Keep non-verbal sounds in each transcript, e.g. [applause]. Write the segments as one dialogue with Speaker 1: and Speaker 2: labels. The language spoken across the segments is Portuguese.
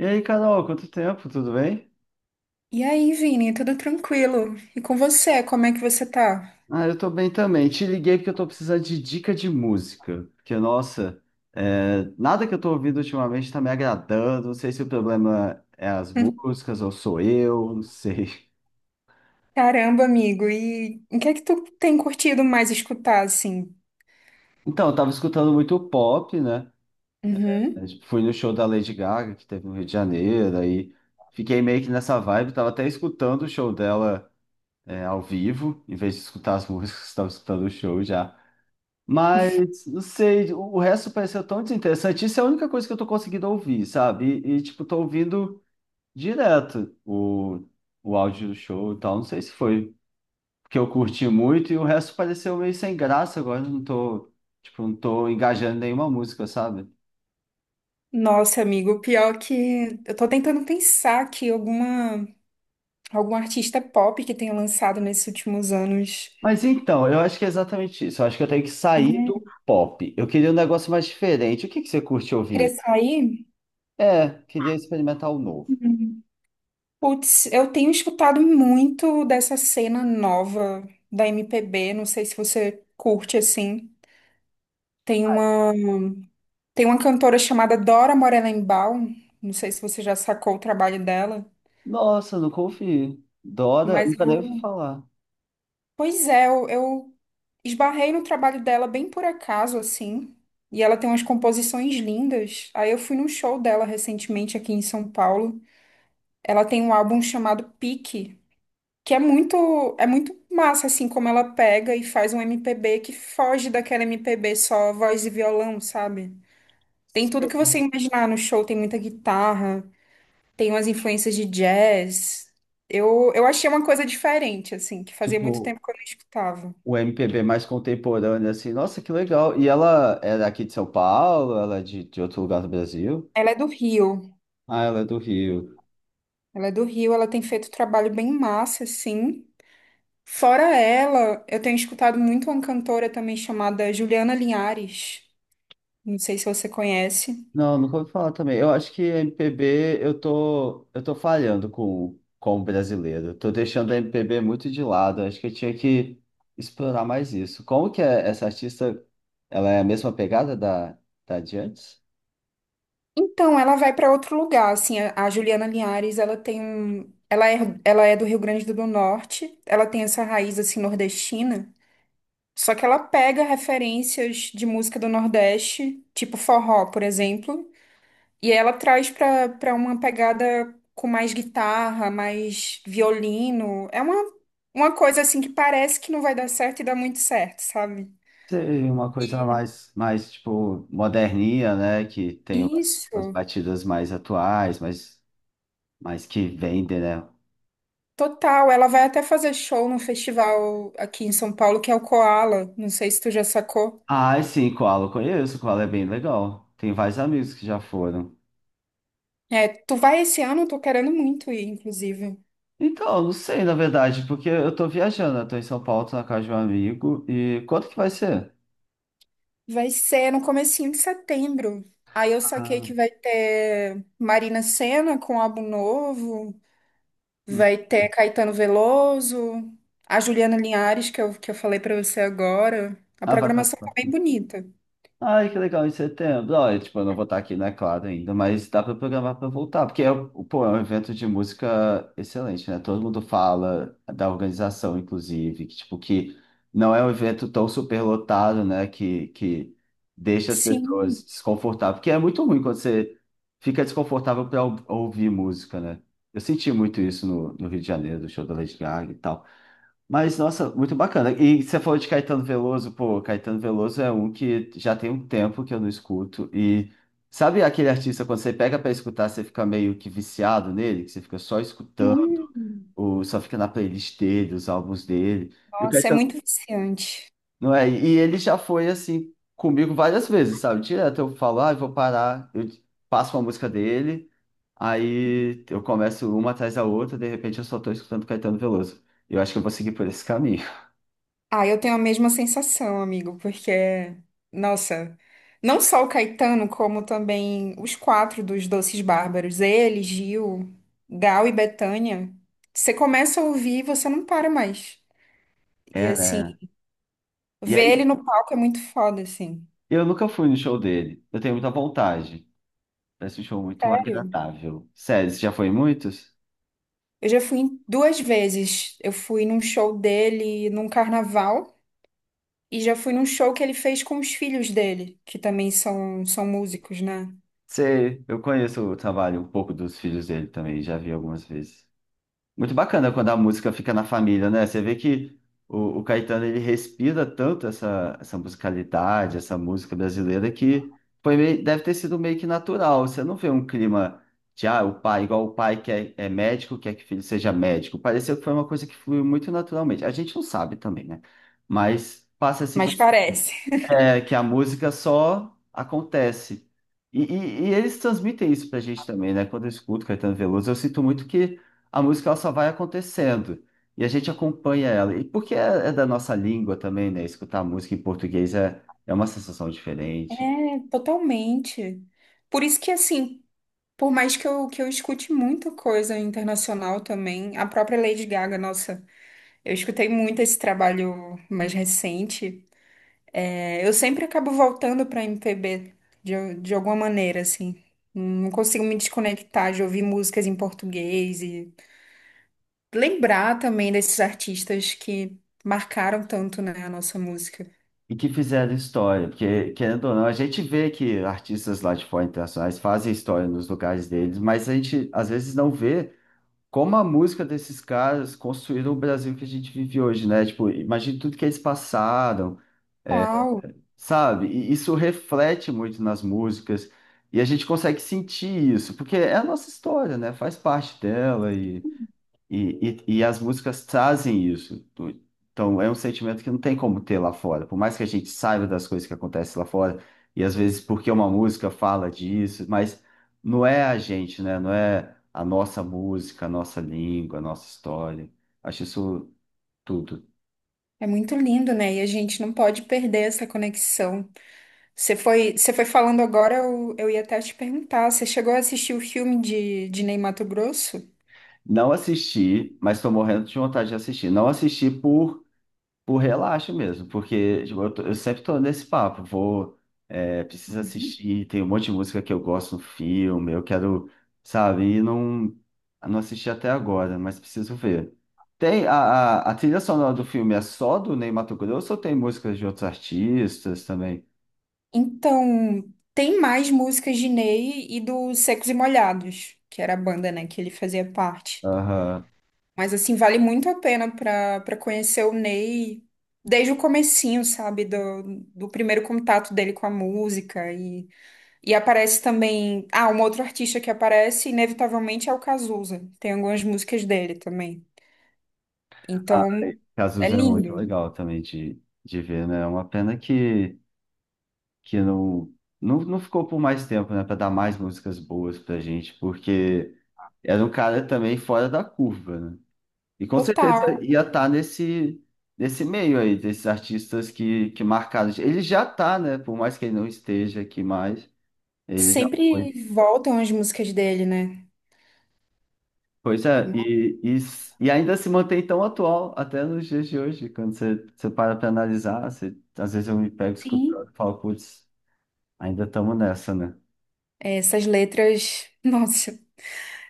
Speaker 1: E aí, Carol, quanto tempo? Tudo bem?
Speaker 2: E aí, Vini, tudo tranquilo? E com você, como é que você tá?
Speaker 1: Ah, eu tô bem também. Te liguei porque eu tô precisando de dica de música. Porque, nossa, nada que eu tô ouvindo ultimamente tá me agradando. Não sei se o problema é as
Speaker 2: [laughs]
Speaker 1: músicas ou sou eu, não sei.
Speaker 2: Caramba, amigo, e o que é que tu tem curtido mais escutar, assim?
Speaker 1: Então, eu tava escutando muito pop, né?
Speaker 2: Uhum.
Speaker 1: Tipo, fui no show da Lady Gaga, que teve no Rio de Janeiro, aí fiquei meio que nessa vibe. Tava até escutando o show dela, ao vivo, em vez de escutar as músicas, [laughs] tava escutando o show já. Mas, não sei, o resto pareceu tão desinteressante. Isso é a única coisa que eu tô conseguindo ouvir, sabe? Tipo, tô ouvindo direto o áudio do show e tal. Não sei se foi porque eu curti muito e o resto pareceu meio sem graça agora. Eu Não tô, tipo, não tô engajando em nenhuma música, sabe?
Speaker 2: Nossa, amigo, o pior que eu tô tentando pensar aqui algum artista pop que tenha lançado nesses últimos anos.
Speaker 1: Mas então, eu acho que é exatamente isso. Eu acho que eu tenho que sair do
Speaker 2: É.
Speaker 1: pop. Eu queria um negócio mais diferente. O que que você curte
Speaker 2: Queria
Speaker 1: ouvir?
Speaker 2: sair?
Speaker 1: É, queria experimentar o novo.
Speaker 2: Uhum. Putz, eu tenho escutado muito dessa cena nova da MPB, não sei se você curte, assim. Tem uma. Tem uma cantora chamada Dora Morelenbaum, não sei se você já sacou o trabalho dela,
Speaker 1: Nossa, nunca ouvi. Dora,
Speaker 2: mas
Speaker 1: nunca nem ouvi falar.
Speaker 2: pois é, eu esbarrei no trabalho dela bem por acaso, assim, e ela tem umas composições lindas. Aí eu fui num show dela recentemente aqui em São Paulo. Ela tem um álbum chamado Pique, que é muito, é muito massa, assim, como ela pega e faz um MPB que foge daquela MPB só voz e violão, sabe? Tem tudo que você imaginar no show, tem muita guitarra. Tem umas influências de jazz. Eu achei uma coisa diferente, assim, que fazia muito
Speaker 1: Tipo,
Speaker 2: tempo que eu não escutava.
Speaker 1: o MPB mais contemporâneo, assim. Nossa, que legal. E ela é daqui de São Paulo? Ela é de outro lugar do Brasil?
Speaker 2: Ela é do Rio.
Speaker 1: Ah, ela é do Rio.
Speaker 2: Ela é do Rio, ela tem feito um trabalho bem massa, assim. Fora ela, eu tenho escutado muito uma cantora também chamada Juliana Linhares. Não sei se você conhece.
Speaker 1: Não, nunca ouvi falar também. Eu acho que MPB, eu tô falhando com o brasileiro. Tô deixando a MPB muito de lado. Acho que eu tinha que explorar mais isso. Como que é essa artista, ela é a mesma pegada da de antes?
Speaker 2: Então, ela vai para outro lugar, assim, a Juliana Linhares, ela é do Rio Grande do Norte, ela tem essa raiz, assim, nordestina. Só que ela pega referências de música do Nordeste, tipo forró, por exemplo, e ela traz pra para uma pegada com mais guitarra, mais violino. É uma coisa assim que parece que não vai dar certo e dá muito certo, sabe?
Speaker 1: Seria uma coisa mais tipo, moderninha, né? Que tem umas
Speaker 2: Isso,
Speaker 1: batidas mais atuais, mas que vendem, né?
Speaker 2: total. Ela vai até fazer show num festival aqui em São Paulo, que é o Koala. Não sei se tu já sacou.
Speaker 1: Ah, sim, Koala eu conheço, Koala é bem legal. Tem vários amigos que já foram.
Speaker 2: É, tu vai esse ano, eu tô querendo muito ir, inclusive.
Speaker 1: Então, eu não sei, na verdade, porque eu tô viajando, eu tô em São Paulo, tô na casa de um amigo, e quanto que vai ser?
Speaker 2: Vai ser no comecinho de setembro. Aí eu saquei
Speaker 1: Ah,
Speaker 2: que vai ter Marina Sena com álbum novo,
Speaker 1: hum.
Speaker 2: vai ter Caetano Veloso, a Juliana Linhares, que eu falei pra você agora. A
Speaker 1: Ah, vai
Speaker 2: programação tá
Speaker 1: participar.
Speaker 2: bem bonita.
Speaker 1: Ai, que legal, em setembro. Olha, tipo, eu não vou estar aqui, né? Claro, ainda, mas dá para programar para voltar, porque é, um, pô, é um evento de música excelente, né? Todo mundo fala da organização, inclusive, que, tipo, que não é um evento tão superlotado, né? Que deixa as pessoas
Speaker 2: Sim.
Speaker 1: desconfortáveis, porque é muito ruim quando você fica desconfortável para ouvir música, né? Eu senti muito isso no Rio de Janeiro, do show da Lady Gaga e tal. Mas, nossa, muito bacana. E você falou de Caetano Veloso, pô, Caetano Veloso é um que já tem um tempo que eu não escuto. E sabe aquele artista, quando você pega pra escutar, você fica meio que viciado nele, que você fica só escutando,
Speaker 2: Hum.
Speaker 1: ou só fica na playlist dele, os álbuns dele. E o
Speaker 2: Nossa, é
Speaker 1: Caetano,
Speaker 2: muito viciante.
Speaker 1: não é? E ele já foi assim comigo várias vezes, sabe? Direto eu falo, ah, eu vou parar, eu passo uma música dele, aí eu começo uma atrás da outra, de repente eu só tô escutando Caetano Veloso. Eu acho que eu vou seguir por esse caminho. [laughs]
Speaker 2: Ah, eu tenho a mesma sensação, amigo, porque, nossa, não só o Caetano, como também os quatro dos Doces Bárbaros, ele, Gil, Gal e Bethânia, você começa a ouvir e você não para mais. E
Speaker 1: É,
Speaker 2: assim,
Speaker 1: né? E
Speaker 2: ver ele
Speaker 1: aí,
Speaker 2: no palco é muito foda, assim.
Speaker 1: eu nunca fui no show dele. Eu tenho muita vontade. Parece um show muito
Speaker 2: Sério.
Speaker 1: agradável. Sério, você já foi em muitos?
Speaker 2: Eu já fui em duas vezes. Eu fui num show dele num carnaval e já fui num show que ele fez com os filhos dele, que também são, são músicos, né?
Speaker 1: Sei, eu conheço o trabalho um pouco dos filhos dele também, já vi algumas vezes. Muito bacana quando a música fica na família, né? Você vê que o Caetano ele respira tanto essa musicalidade, essa música brasileira, que deve ter sido meio que natural. Você não vê um clima de, ah, o pai, igual o pai que é médico, quer que o filho seja médico. Pareceu que foi uma coisa que fluiu muito naturalmente. A gente não sabe também, né? Mas passa assim.
Speaker 2: Mas parece.
Speaker 1: É, que a música só acontece. E eles transmitem isso pra gente também, né? Quando eu escuto Caetano Veloso, eu sinto muito que a música ela só vai acontecendo e a gente acompanha ela. É da nossa língua também, né? Escutar música em português é uma sensação
Speaker 2: É,
Speaker 1: diferente.
Speaker 2: totalmente. Por isso que, assim, por mais que eu escute muita coisa internacional também, a própria Lady Gaga, nossa, eu escutei muito esse trabalho mais recente. É, eu sempre acabo voltando pra MPB, de alguma maneira, assim. Não consigo me desconectar de ouvir músicas em português e lembrar também desses artistas que marcaram tanto, né, a nossa música.
Speaker 1: E que fizeram história, porque, querendo ou não, a gente vê que artistas lá de fora internacionais fazem história nos lugares deles, mas a gente às vezes não vê. Como a música desses caras construíram o Brasil que a gente vive hoje, né? Tipo, imagina tudo que eles passaram,
Speaker 2: Tal,
Speaker 1: sabe? E isso reflete muito nas músicas e a gente consegue sentir isso, porque é a nossa história, né? Faz parte dela e as músicas trazem isso. Então, é um sentimento que não tem como ter lá fora. Por mais que a gente saiba das coisas que acontecem lá fora, e às vezes porque uma música fala disso, mas não é a gente, né? Não é a nossa música, a nossa língua, a nossa história. Acho isso tudo.
Speaker 2: é muito lindo, né? E a gente não pode perder essa conexão. Você foi falando agora, eu ia até te perguntar, você chegou a assistir o filme de Ney Matogrosso?
Speaker 1: Não assisti, mas estou morrendo de vontade de assistir. Não assisti por. Por relaxo mesmo, porque tipo, eu sempre tô nesse papo, preciso assistir, tem um monte de música que eu gosto no filme, eu quero, sabe, não assisti até agora, mas preciso ver. Tem a, a trilha sonora do filme é só do Ney Matogrosso ou tem músicas de outros artistas também?
Speaker 2: Então, tem mais músicas de Ney e do Secos e Molhados, que era a banda, né, que ele fazia parte.
Speaker 1: Aham.
Speaker 2: Mas, assim, vale muito a pena para conhecer o Ney desde o comecinho, sabe, do, do primeiro contato dele com a música. E aparece também... Ah, um outro artista que aparece, inevitavelmente, é o Cazuza. Tem algumas músicas dele também.
Speaker 1: Ah,
Speaker 2: Então, é
Speaker 1: Cazuza é muito
Speaker 2: lindo.
Speaker 1: legal também de ver, né? É uma pena que não, não ficou por mais tempo, né, para dar mais músicas boas pra gente, porque era um cara também fora da curva, né? E com
Speaker 2: Total.
Speaker 1: certeza ia estar nesse, nesse meio aí, desses artistas que marcaram. Ele já tá, né? Por mais que ele não esteja aqui mais, ele já foi.
Speaker 2: Sempre voltam as músicas dele, né?
Speaker 1: Pois é, e ainda se mantém tão atual até nos dias de hoje, quando você para para analisar, às vezes eu me pego
Speaker 2: Sim.
Speaker 1: escutando e falo, putz, ainda estamos nessa, né?
Speaker 2: Essas letras, [laughs] nossa,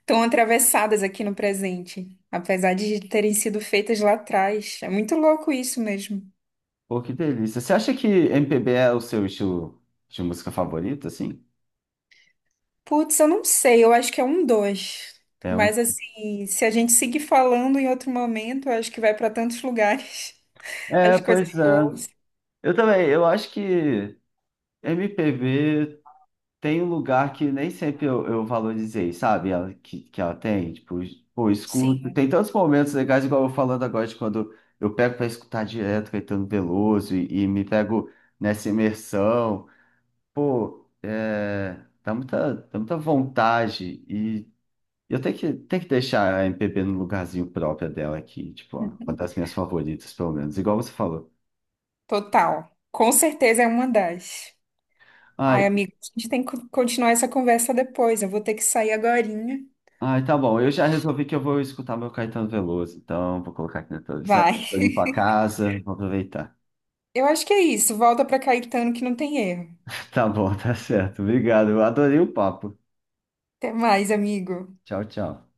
Speaker 2: estão atravessadas aqui no presente, apesar de terem sido feitas lá atrás. É muito louco isso mesmo.
Speaker 1: Pô, que delícia. Você acha que MPB é o seu estilo de música favorito, assim?
Speaker 2: Putz, eu não sei, eu acho que é um dois.
Speaker 1: É um.
Speaker 2: Mas assim, se a gente seguir falando em outro momento, eu acho que vai para tantos lugares [laughs]
Speaker 1: É,
Speaker 2: as coisas
Speaker 1: pois
Speaker 2: que eu
Speaker 1: é.
Speaker 2: ouço.
Speaker 1: Eu também, eu acho que MPB tem um lugar que nem sempre eu valorizei, sabe? Ela, que ela tem, tipo, pô, eu escuto.
Speaker 2: Sim,
Speaker 1: Tem tantos momentos legais, igual eu falando agora, de quando eu pego pra escutar direto Caetano Veloso e me pego nessa imersão. Pô, é, dá muita vontade. E eu tenho tenho que deixar a MPB no lugarzinho próprio dela aqui, tipo, ó, uma das minhas favoritas, pelo menos, igual você falou.
Speaker 2: total. Com certeza é uma das. Ai,
Speaker 1: Ai,
Speaker 2: amigo, a gente tem que continuar essa conversa depois. Eu vou ter que sair agorinha.
Speaker 1: ai, tá bom, eu já resolvi que eu vou escutar meu Caetano Veloso, então vou colocar aqui na televisão,
Speaker 2: Vai.
Speaker 1: vou limpar a casa, vou aproveitar.
Speaker 2: Eu acho que é isso. Volta pra Caetano que não tem erro.
Speaker 1: Tá bom, [laughs] tá certo, obrigado, eu adorei o papo.
Speaker 2: Até mais, amigo.
Speaker 1: Tchau, tchau.